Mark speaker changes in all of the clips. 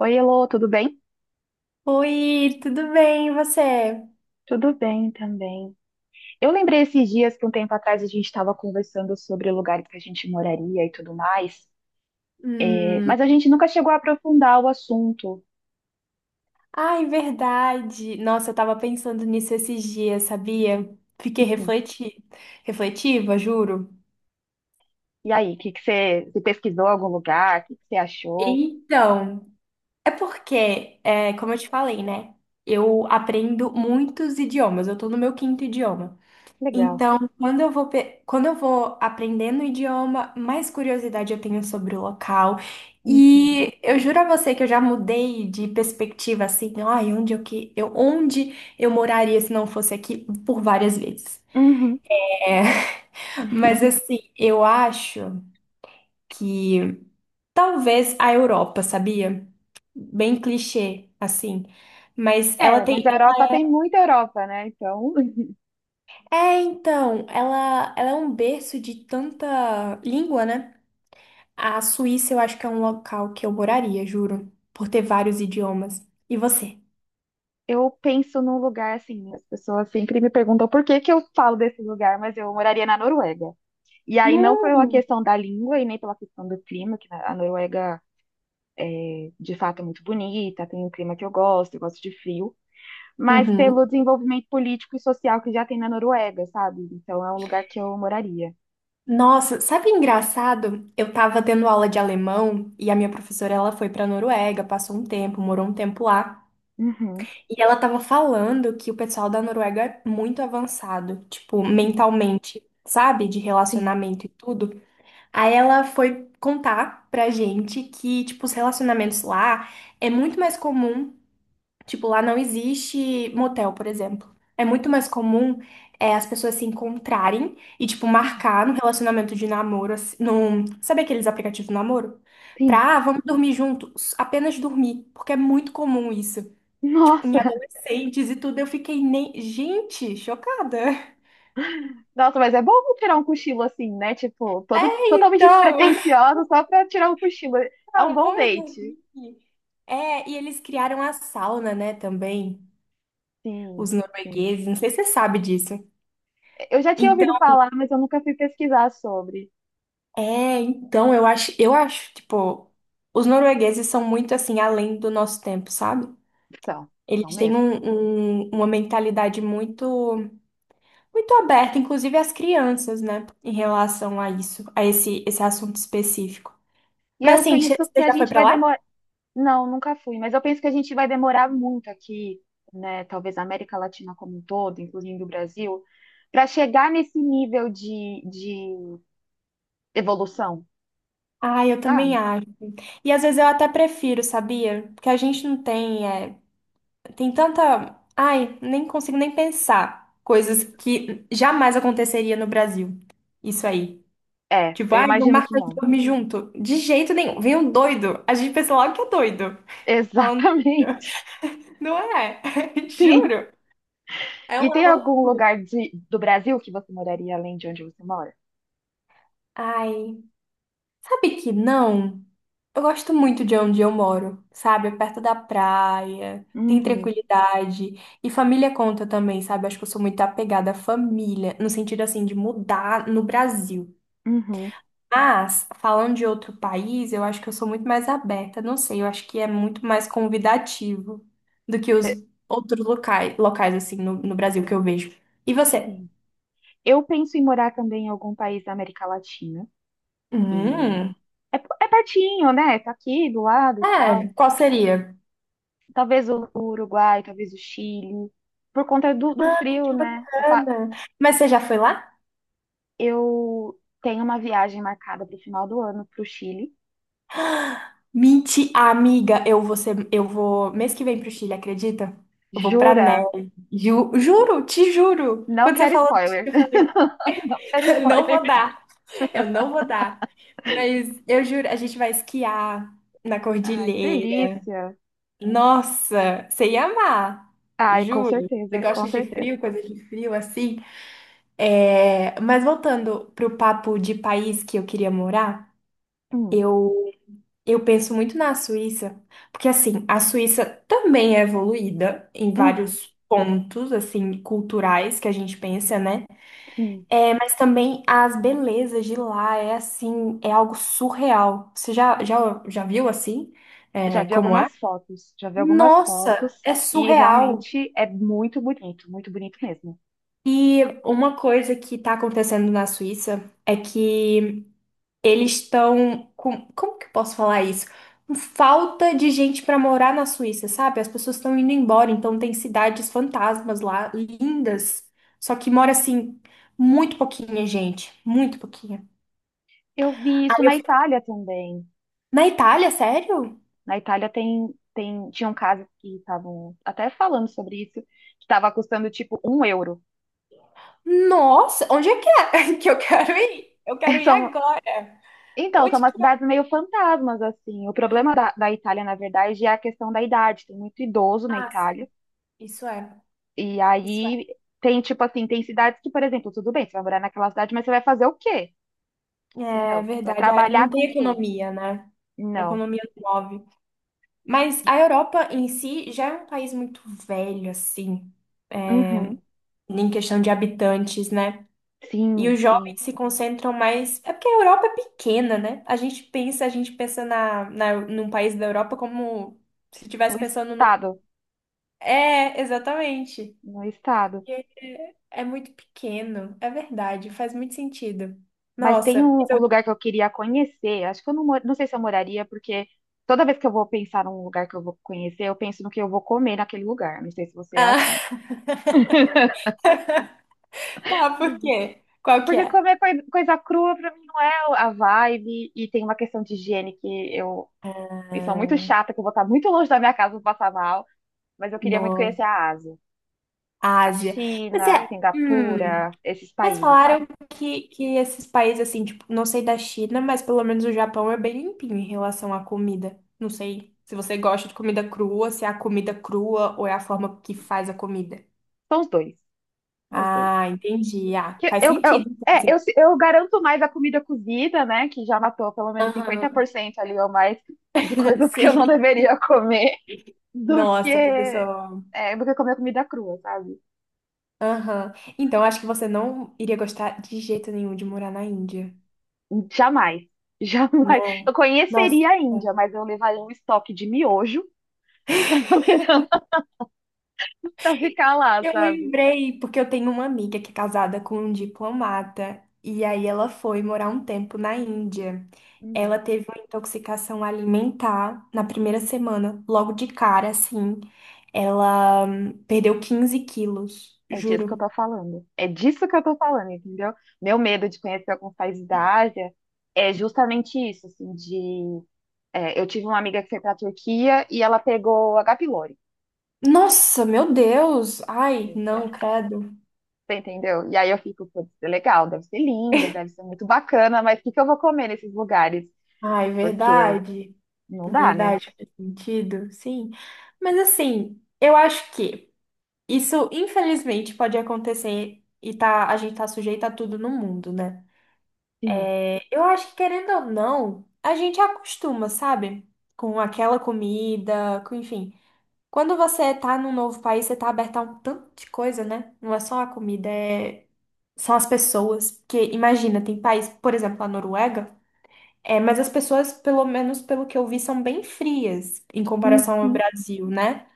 Speaker 1: Oi, Elô, tudo bem?
Speaker 2: Oi, tudo bem, e você?
Speaker 1: Tudo bem também. Eu lembrei esses dias que um tempo atrás a gente estava conversando sobre lugares que a gente moraria e tudo mais, é,
Speaker 2: Hum,
Speaker 1: mas a gente nunca chegou a aprofundar o assunto.
Speaker 2: ai, verdade. Nossa, eu tava pensando nisso esses dias, sabia? Fiquei
Speaker 1: Hum.
Speaker 2: refleti... refletiva, juro.
Speaker 1: E aí, o que que você pesquisou algum lugar? O que que você achou?
Speaker 2: Então, é porque, como eu te falei, né? Eu aprendo muitos idiomas, eu tô no meu quinto idioma.
Speaker 1: Legal.
Speaker 2: Então, quando eu vou aprendendo o idioma, mais curiosidade eu tenho sobre o local.
Speaker 1: Uhum.
Speaker 2: E eu juro a você que eu já mudei de perspectiva assim, ai, onde eu moraria se não fosse aqui por várias vezes.
Speaker 1: Uhum.
Speaker 2: É, mas assim, eu acho que talvez a Europa, sabia? Bem clichê assim, mas ela
Speaker 1: É, mas
Speaker 2: tem.
Speaker 1: a Europa tem muita Europa, né? Então,
Speaker 2: É, então, ela é um berço de tanta língua, né? A Suíça eu acho que é um local que eu moraria, juro, por ter vários idiomas. E você?
Speaker 1: eu penso num lugar assim, as pessoas sempre me perguntam por que que eu falo desse lugar, mas eu moraria na Noruega. E aí, não pela
Speaker 2: Hum.
Speaker 1: questão da língua e nem pela questão do clima, que a Noruega, de fato, é muito bonita, tem um clima que eu gosto de frio, mas
Speaker 2: Uhum.
Speaker 1: pelo desenvolvimento político e social que já tem na Noruega, sabe? Então, é um lugar que eu moraria.
Speaker 2: Nossa, sabe engraçado? Eu tava tendo aula de alemão e a minha professora ela foi pra Noruega, passou um tempo, morou um tempo lá,
Speaker 1: Uhum,
Speaker 2: e ela tava falando que o pessoal da Noruega é muito avançado, tipo,
Speaker 1: sim,
Speaker 2: mentalmente, sabe? De
Speaker 1: sim,
Speaker 2: relacionamento e tudo. Aí ela foi contar pra gente que, tipo, os relacionamentos lá é muito mais comum. Tipo, lá não existe motel, por exemplo. É muito mais comum as pessoas se encontrarem e, tipo, marcar no relacionamento de namoro, assim, num... sabe aqueles aplicativos de namoro?
Speaker 1: sim.
Speaker 2: Pra, ah, vamos dormir juntos, apenas dormir, porque é muito comum isso. Tipo, em
Speaker 1: Nossa,
Speaker 2: adolescentes e tudo, eu fiquei nem... Gente, chocada.
Speaker 1: nossa, mas é bom tirar um cochilo assim, né? Tipo,
Speaker 2: É,
Speaker 1: todo, totalmente
Speaker 2: então,
Speaker 1: despretensiosa, só pra tirar um cochilo. É um
Speaker 2: ah,
Speaker 1: bom
Speaker 2: vamos
Speaker 1: date.
Speaker 2: dormir. É, e eles criaram a sauna, né, também, os
Speaker 1: Sim, sim.
Speaker 2: noruegueses, não sei se você sabe disso.
Speaker 1: Eu já tinha ouvido
Speaker 2: Então,
Speaker 1: falar, mas eu nunca fui pesquisar sobre.
Speaker 2: é, então eu acho, tipo, os noruegueses são muito assim além do nosso tempo, sabe?
Speaker 1: Então, são
Speaker 2: Eles têm
Speaker 1: mesmo.
Speaker 2: um- um- uma mentalidade muito aberta, inclusive as crianças, né, em relação a isso, a esse assunto específico.
Speaker 1: E
Speaker 2: Mas
Speaker 1: eu
Speaker 2: assim,
Speaker 1: penso que
Speaker 2: você
Speaker 1: a
Speaker 2: já foi
Speaker 1: gente
Speaker 2: pra
Speaker 1: vai demorar.
Speaker 2: lá?
Speaker 1: Não, nunca fui, mas eu penso que a gente vai demorar muito aqui, né? Talvez a América Latina como um todo, incluindo o Brasil, para chegar nesse nível de evolução.
Speaker 2: Ah, eu
Speaker 1: Ah,
Speaker 2: também acho. E às vezes eu até prefiro, sabia? Porque a gente não tem, é, tem tanta. Ai, nem consigo nem pensar coisas que jamais aconteceria no Brasil. Isso aí.
Speaker 1: é,
Speaker 2: Tipo,
Speaker 1: eu
Speaker 2: ai, vamos
Speaker 1: imagino que
Speaker 2: marcar de
Speaker 1: não.
Speaker 2: dormir junto. De jeito nenhum. Vem um doido. A gente pensa logo que é doido. Falando.
Speaker 1: Exatamente,
Speaker 2: Não é?
Speaker 1: sim.
Speaker 2: Juro. É
Speaker 1: E
Speaker 2: uma
Speaker 1: tem algum
Speaker 2: loucura.
Speaker 1: lugar do Brasil que você moraria além de onde você mora?
Speaker 2: Ai, sabe que não? Eu gosto muito de onde eu moro, sabe? É perto da praia, tem
Speaker 1: Uhum,
Speaker 2: tranquilidade. E família conta também, sabe? Acho que eu sou muito apegada à família, no sentido assim de mudar no Brasil.
Speaker 1: uhum.
Speaker 2: Mas, falando de outro país, eu acho que eu sou muito mais aberta. Não sei, eu acho que é muito mais convidativo do que
Speaker 1: É,
Speaker 2: os outros locais, locais assim, no Brasil que eu vejo. E você?
Speaker 1: sim. Eu penso em morar também em algum país da América Latina, que
Speaker 2: Hum,
Speaker 1: é pertinho, né? Tá aqui do lado e
Speaker 2: é,
Speaker 1: tal.
Speaker 2: qual seria?
Speaker 1: Talvez o Uruguai, talvez o Chile, por conta do
Speaker 2: Ai,
Speaker 1: frio,
Speaker 2: que
Speaker 1: né?
Speaker 2: bacana. Mas você já foi lá?
Speaker 1: Eu tenho uma viagem marcada para o final do ano para o Chile.
Speaker 2: Menti, amiga, eu vou, mês que vem pro Chile, acredita? Eu vou pra
Speaker 1: Jura?
Speaker 2: neve. Juro, te juro.
Speaker 1: Não
Speaker 2: Quando você
Speaker 1: quero
Speaker 2: falou disso,
Speaker 1: spoiler.
Speaker 2: eu falei,
Speaker 1: Não quero
Speaker 2: não
Speaker 1: spoiler.
Speaker 2: vou dar. Eu não vou dar. Mas eu juro, a gente vai esquiar na
Speaker 1: Ai, que
Speaker 2: cordilheira.
Speaker 1: delícia.
Speaker 2: Nossa, você ia amar.
Speaker 1: Ai, com
Speaker 2: Juro. Você
Speaker 1: certeza, com
Speaker 2: gosta de
Speaker 1: certeza.
Speaker 2: frio, coisas de frio assim? É, mas voltando pro papo de país que eu queria morar,
Speaker 1: Hum,
Speaker 2: eu, eu penso muito na Suíça. Porque assim, a Suíça também é evoluída em
Speaker 1: uhum,
Speaker 2: vários pontos assim culturais que a gente pensa, né?
Speaker 1: sim.
Speaker 2: É, mas também as belezas de lá é assim, é algo surreal. Você já viu assim?
Speaker 1: Já
Speaker 2: É,
Speaker 1: vi
Speaker 2: como é?
Speaker 1: algumas fotos, já vi algumas
Speaker 2: Nossa,
Speaker 1: fotos
Speaker 2: é
Speaker 1: e
Speaker 2: surreal.
Speaker 1: realmente é muito bonito mesmo.
Speaker 2: E uma coisa que tá acontecendo na Suíça é que eles estão com, como que eu posso falar isso? Com falta de gente pra morar na Suíça, sabe? As pessoas estão indo embora, então tem cidades fantasmas lá, lindas. Só que mora assim muito pouquinha gente, muito pouquinha.
Speaker 1: Eu vi isso
Speaker 2: Aí eu...
Speaker 1: na Itália também.
Speaker 2: Na Itália, sério?
Speaker 1: Na Itália tinham casas que estavam até falando sobre isso, que estava custando tipo um euro.
Speaker 2: Nossa, onde é que é que eu quero ir? Eu quero ir
Speaker 1: São,
Speaker 2: agora.
Speaker 1: então, são
Speaker 2: Onde
Speaker 1: umas
Speaker 2: que é?
Speaker 1: cidades meio fantasmas, assim. O problema da Itália, na verdade, é a questão da idade. Tem muito idoso na
Speaker 2: Ah,
Speaker 1: Itália.
Speaker 2: sim, isso é,
Speaker 1: E
Speaker 2: isso é.
Speaker 1: aí tem, tipo assim, tem cidades que, por exemplo, tudo bem, você vai morar naquela cidade, mas você vai fazer o quê? Entendeu?
Speaker 2: É
Speaker 1: Você vai
Speaker 2: verdade, ah,
Speaker 1: trabalhar
Speaker 2: não
Speaker 1: com o
Speaker 2: tem
Speaker 1: quê?
Speaker 2: economia, né? A
Speaker 1: Não.
Speaker 2: economia não move. Mas a Europa em si já é um país muito velho, assim,
Speaker 1: Uhum.
Speaker 2: em questão de habitantes, né? E os
Speaker 1: Sim,
Speaker 2: jovens
Speaker 1: sim.
Speaker 2: se concentram mais. É porque a Europa é pequena, né? A gente pensa num país da Europa como se estivesse
Speaker 1: No
Speaker 2: pensando num.
Speaker 1: estado.
Speaker 2: É, exatamente.
Speaker 1: No estado.
Speaker 2: É, é muito pequeno, é verdade, faz muito sentido.
Speaker 1: Mas tem
Speaker 2: Nossa,
Speaker 1: um,
Speaker 2: mas
Speaker 1: um
Speaker 2: eu...
Speaker 1: lugar que eu queria conhecer. Acho que eu não sei se eu moraria, porque toda vez que eu vou pensar num lugar que eu vou conhecer, eu penso no que eu vou comer naquele lugar. Não sei se você é
Speaker 2: Ah,
Speaker 1: assim.
Speaker 2: tá, por quê? Qual que
Speaker 1: Porque
Speaker 2: é?
Speaker 1: comer coisa crua pra mim não é a vibe, e tem uma questão de higiene que eu sou muito chata, que eu vou estar muito longe da minha casa, vou passar mal. Mas eu queria muito
Speaker 2: No
Speaker 1: conhecer a Ásia. A
Speaker 2: Ásia. Mas
Speaker 1: China,
Speaker 2: é,
Speaker 1: Singapura, esses
Speaker 2: mas
Speaker 1: países, sabe?
Speaker 2: falaram que esses países, assim, tipo, não sei da China, mas pelo menos o Japão é bem limpinho em relação à comida. Não sei se você gosta de comida crua, se é a comida crua ou é a forma que faz a comida.
Speaker 1: São os dois. São os dois.
Speaker 2: Ah, entendi. Ah,
Speaker 1: Que
Speaker 2: faz
Speaker 1: eu,
Speaker 2: sentido. Então,
Speaker 1: é,
Speaker 2: assim.
Speaker 1: eu, se- eu garanto mais a comida cozida, né? Que já matou pelo menos cinquenta
Speaker 2: Aham,
Speaker 1: por cento ali ou mais de coisas que eu não
Speaker 2: sim.
Speaker 1: deveria comer do
Speaker 2: Nossa, pois eu
Speaker 1: que,
Speaker 2: sou.
Speaker 1: do que comer comida crua, sabe?
Speaker 2: Aham. Então, acho que você não iria gostar de jeito nenhum de morar na Índia,
Speaker 1: Jamais. Jamais.
Speaker 2: né?
Speaker 1: Eu
Speaker 2: Nossa,
Speaker 1: conheceria a Índia, mas eu levaria um estoque de miojo pra levar- pra ficar lá,
Speaker 2: eu
Speaker 1: sabe?
Speaker 2: lembrei, porque eu tenho uma amiga que é casada com um diplomata, e aí ela foi morar um tempo na Índia.
Speaker 1: Hum.
Speaker 2: Ela teve uma intoxicação alimentar na primeira semana, logo de cara, assim. Ela perdeu 15 quilos,
Speaker 1: É disso que eu
Speaker 2: juro.
Speaker 1: tô falando. É disso que eu tô falando, entendeu? Meu medo de conhecer alguns países da Ásia é justamente isso, assim, de. É, eu tive uma amiga que foi pra Turquia e ela pegou H. pylori.
Speaker 2: Nossa, meu Deus! Ai,
Speaker 1: É,
Speaker 2: não, credo.
Speaker 1: você entendeu? E aí eu fico, putz, é legal, deve ser lindo, deve ser muito bacana, mas o que que eu vou comer nesses lugares?
Speaker 2: Ai,
Speaker 1: Porque
Speaker 2: verdade.
Speaker 1: não dá, né?
Speaker 2: Verdade, faz sentido, sim. Mas assim, eu acho que isso, infelizmente, pode acontecer e tá, a gente tá sujeito a tudo no mundo, né?
Speaker 1: Sim.
Speaker 2: Eu acho que, querendo ou não, a gente acostuma, sabe? Com aquela comida, com, enfim. Quando você tá num novo país, você tá aberto a um tanto de coisa, né? Não é só a comida, é... são as pessoas. Porque, imagina, tem país, por exemplo, a Noruega. É, mas as pessoas, pelo menos pelo que eu vi, são bem frias em comparação ao
Speaker 1: Uhum,
Speaker 2: Brasil, né?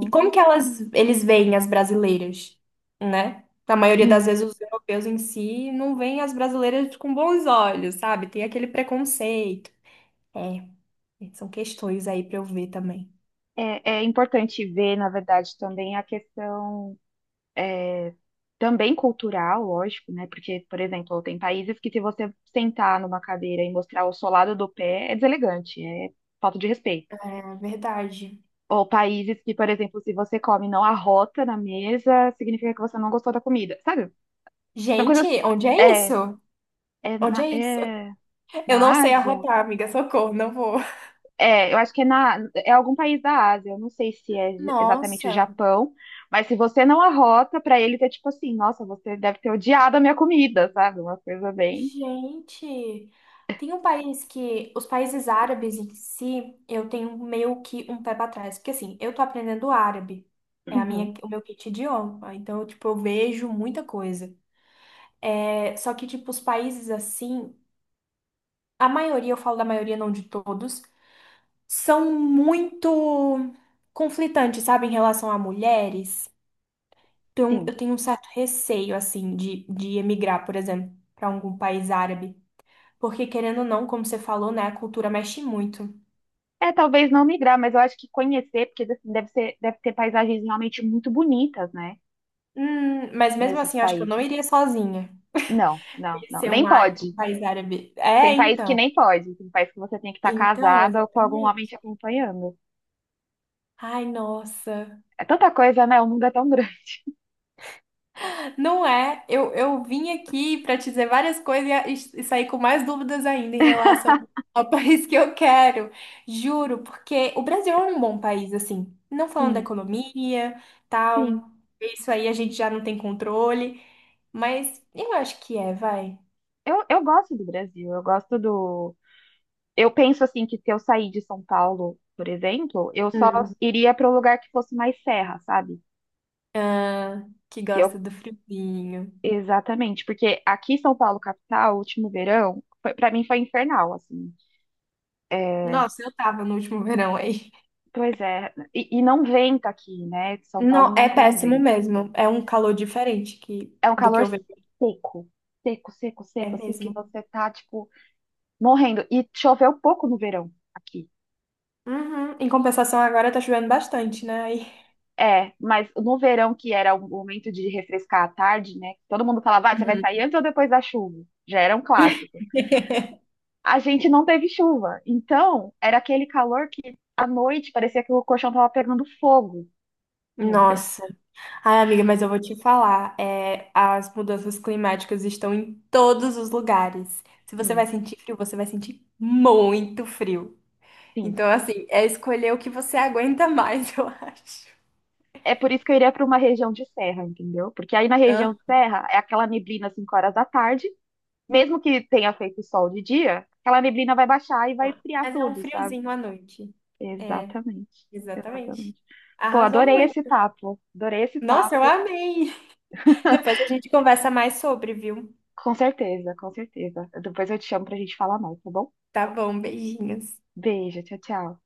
Speaker 2: E como que elas, eles veem as brasileiras, né? Na maioria das
Speaker 1: sim.
Speaker 2: vezes, os europeus em si não veem as brasileiras com bons olhos, sabe? Tem aquele preconceito. É, são questões aí pra eu ver também.
Speaker 1: É, é importante ver, na verdade, também a questão é, também cultural, lógico, né? Porque, por exemplo, tem países que se você sentar numa cadeira e mostrar o solado do pé, é deselegante, é falta de respeito.
Speaker 2: É verdade.
Speaker 1: Ou países que, por exemplo, se você come e não arrota na mesa, significa que você não gostou da comida. Sabe? São
Speaker 2: Gente,
Speaker 1: coisas.
Speaker 2: onde é
Speaker 1: É,
Speaker 2: isso?
Speaker 1: é,
Speaker 2: Onde
Speaker 1: na,
Speaker 2: é isso?
Speaker 1: é
Speaker 2: Eu não
Speaker 1: na
Speaker 2: sei
Speaker 1: Ásia?
Speaker 2: arrotar, amiga, socorro, não vou.
Speaker 1: É, eu acho que é algum país da Ásia. Eu não sei se é exatamente o
Speaker 2: Nossa.
Speaker 1: Japão, mas se você não arrota, pra ele é tipo assim: nossa, você deve ter odiado a minha comida, sabe? Uma coisa bem.
Speaker 2: Gente, tem um país que os países árabes em si, eu tenho meio que um pé pra trás, porque assim, eu tô aprendendo árabe, é a
Speaker 1: Uhum,
Speaker 2: minha, o meu kit idioma, então tipo, eu vejo muita coisa. É, só que tipo, os países assim, a maioria, eu falo da maioria, não de todos, são muito conflitantes, sabe, em relação a mulheres. Então,
Speaker 1: sim.
Speaker 2: eu tenho um certo receio assim de emigrar, por exemplo, pra algum país árabe. Porque, querendo ou não, como você falou, né, a cultura mexe muito.
Speaker 1: É, talvez não migrar, mas eu acho que conhecer, porque assim, deve ser, deve ter paisagens realmente muito bonitas, né?
Speaker 2: Mas mesmo
Speaker 1: Nesses
Speaker 2: assim, eu acho que eu não
Speaker 1: países.
Speaker 2: iria sozinha.
Speaker 1: Não, não, não.
Speaker 2: Conhecer um,
Speaker 1: Nem
Speaker 2: um
Speaker 1: pode.
Speaker 2: país árabe.
Speaker 1: Tem
Speaker 2: É,
Speaker 1: país que
Speaker 2: então.
Speaker 1: nem pode, tem país que você tem que estar
Speaker 2: Então,
Speaker 1: casada ou com algum homem
Speaker 2: exatamente.
Speaker 1: te acompanhando.
Speaker 2: Ai, nossa.
Speaker 1: É tanta coisa, né? O mundo é tão grande.
Speaker 2: Não é. Eu vim aqui para te dizer várias coisas e sair com mais dúvidas ainda em relação ao país que eu quero. Juro, porque o Brasil é um bom país, assim. Não falando da
Speaker 1: Sim,
Speaker 2: economia,
Speaker 1: sim.
Speaker 2: tal. Isso aí a gente já não tem controle. Mas eu acho que é, vai.
Speaker 1: Eu gosto do Brasil, eu gosto do. Eu penso assim que se eu sair de São Paulo, por exemplo, eu só iria para um lugar que fosse mais serra, sabe?
Speaker 2: Ah, que
Speaker 1: Que
Speaker 2: gosta
Speaker 1: eu
Speaker 2: do friozinho.
Speaker 1: exatamente, porque aqui em São Paulo capital, o último verão, para mim foi infernal, assim.
Speaker 2: Nossa, eu tava no último verão aí.
Speaker 1: Pois é, e não venta aqui, né? São Paulo
Speaker 2: Não,
Speaker 1: não
Speaker 2: é
Speaker 1: tem
Speaker 2: péssimo
Speaker 1: vento.
Speaker 2: mesmo. É um calor diferente que,
Speaker 1: É um
Speaker 2: do que
Speaker 1: calor
Speaker 2: eu vejo.
Speaker 1: seco, seco, seco,
Speaker 2: É
Speaker 1: seco, assim, que
Speaker 2: mesmo.
Speaker 1: você tá, tipo, morrendo. E choveu pouco no verão aqui.
Speaker 2: Uhum. Em compensação, agora tá chovendo bastante, né? Aí...
Speaker 1: É, mas no verão, que era o momento de refrescar à tarde, né? Todo mundo falava, "Ah, você vai sair
Speaker 2: Uhum.
Speaker 1: antes ou depois da chuva?" Já era um clássico. A gente não teve chuva. Então, era aquele calor que à noite parecia que o colchão tava pegando fogo, entendeu?
Speaker 2: Nossa. Ai, amiga, mas eu vou te falar. É, as mudanças climáticas estão em todos os lugares. Se você vai
Speaker 1: Sim,
Speaker 2: sentir frio, você vai sentir muito frio.
Speaker 1: sim.
Speaker 2: Então, assim, é escolher o que você aguenta mais, eu acho.
Speaker 1: É por isso que eu iria para uma região de serra, entendeu? Porque aí na região
Speaker 2: Aham.
Speaker 1: de serra é aquela neblina às 5 horas da tarde. Mesmo que tenha feito sol de dia, aquela neblina vai baixar e vai esfriar
Speaker 2: Mas é um
Speaker 1: tudo, sabe?
Speaker 2: friozinho à noite.
Speaker 1: Exatamente,
Speaker 2: Exatamente.
Speaker 1: exatamente. Pô,
Speaker 2: Arrasou
Speaker 1: adorei esse
Speaker 2: muito.
Speaker 1: papo, adorei esse
Speaker 2: Nossa, eu
Speaker 1: papo.
Speaker 2: amei. Depois a gente conversa mais sobre, viu?
Speaker 1: Com certeza, com certeza. Depois eu te chamo pra gente falar mais, tá bom?
Speaker 2: Tá bom, beijinhos.
Speaker 1: Beijo, tchau, tchau.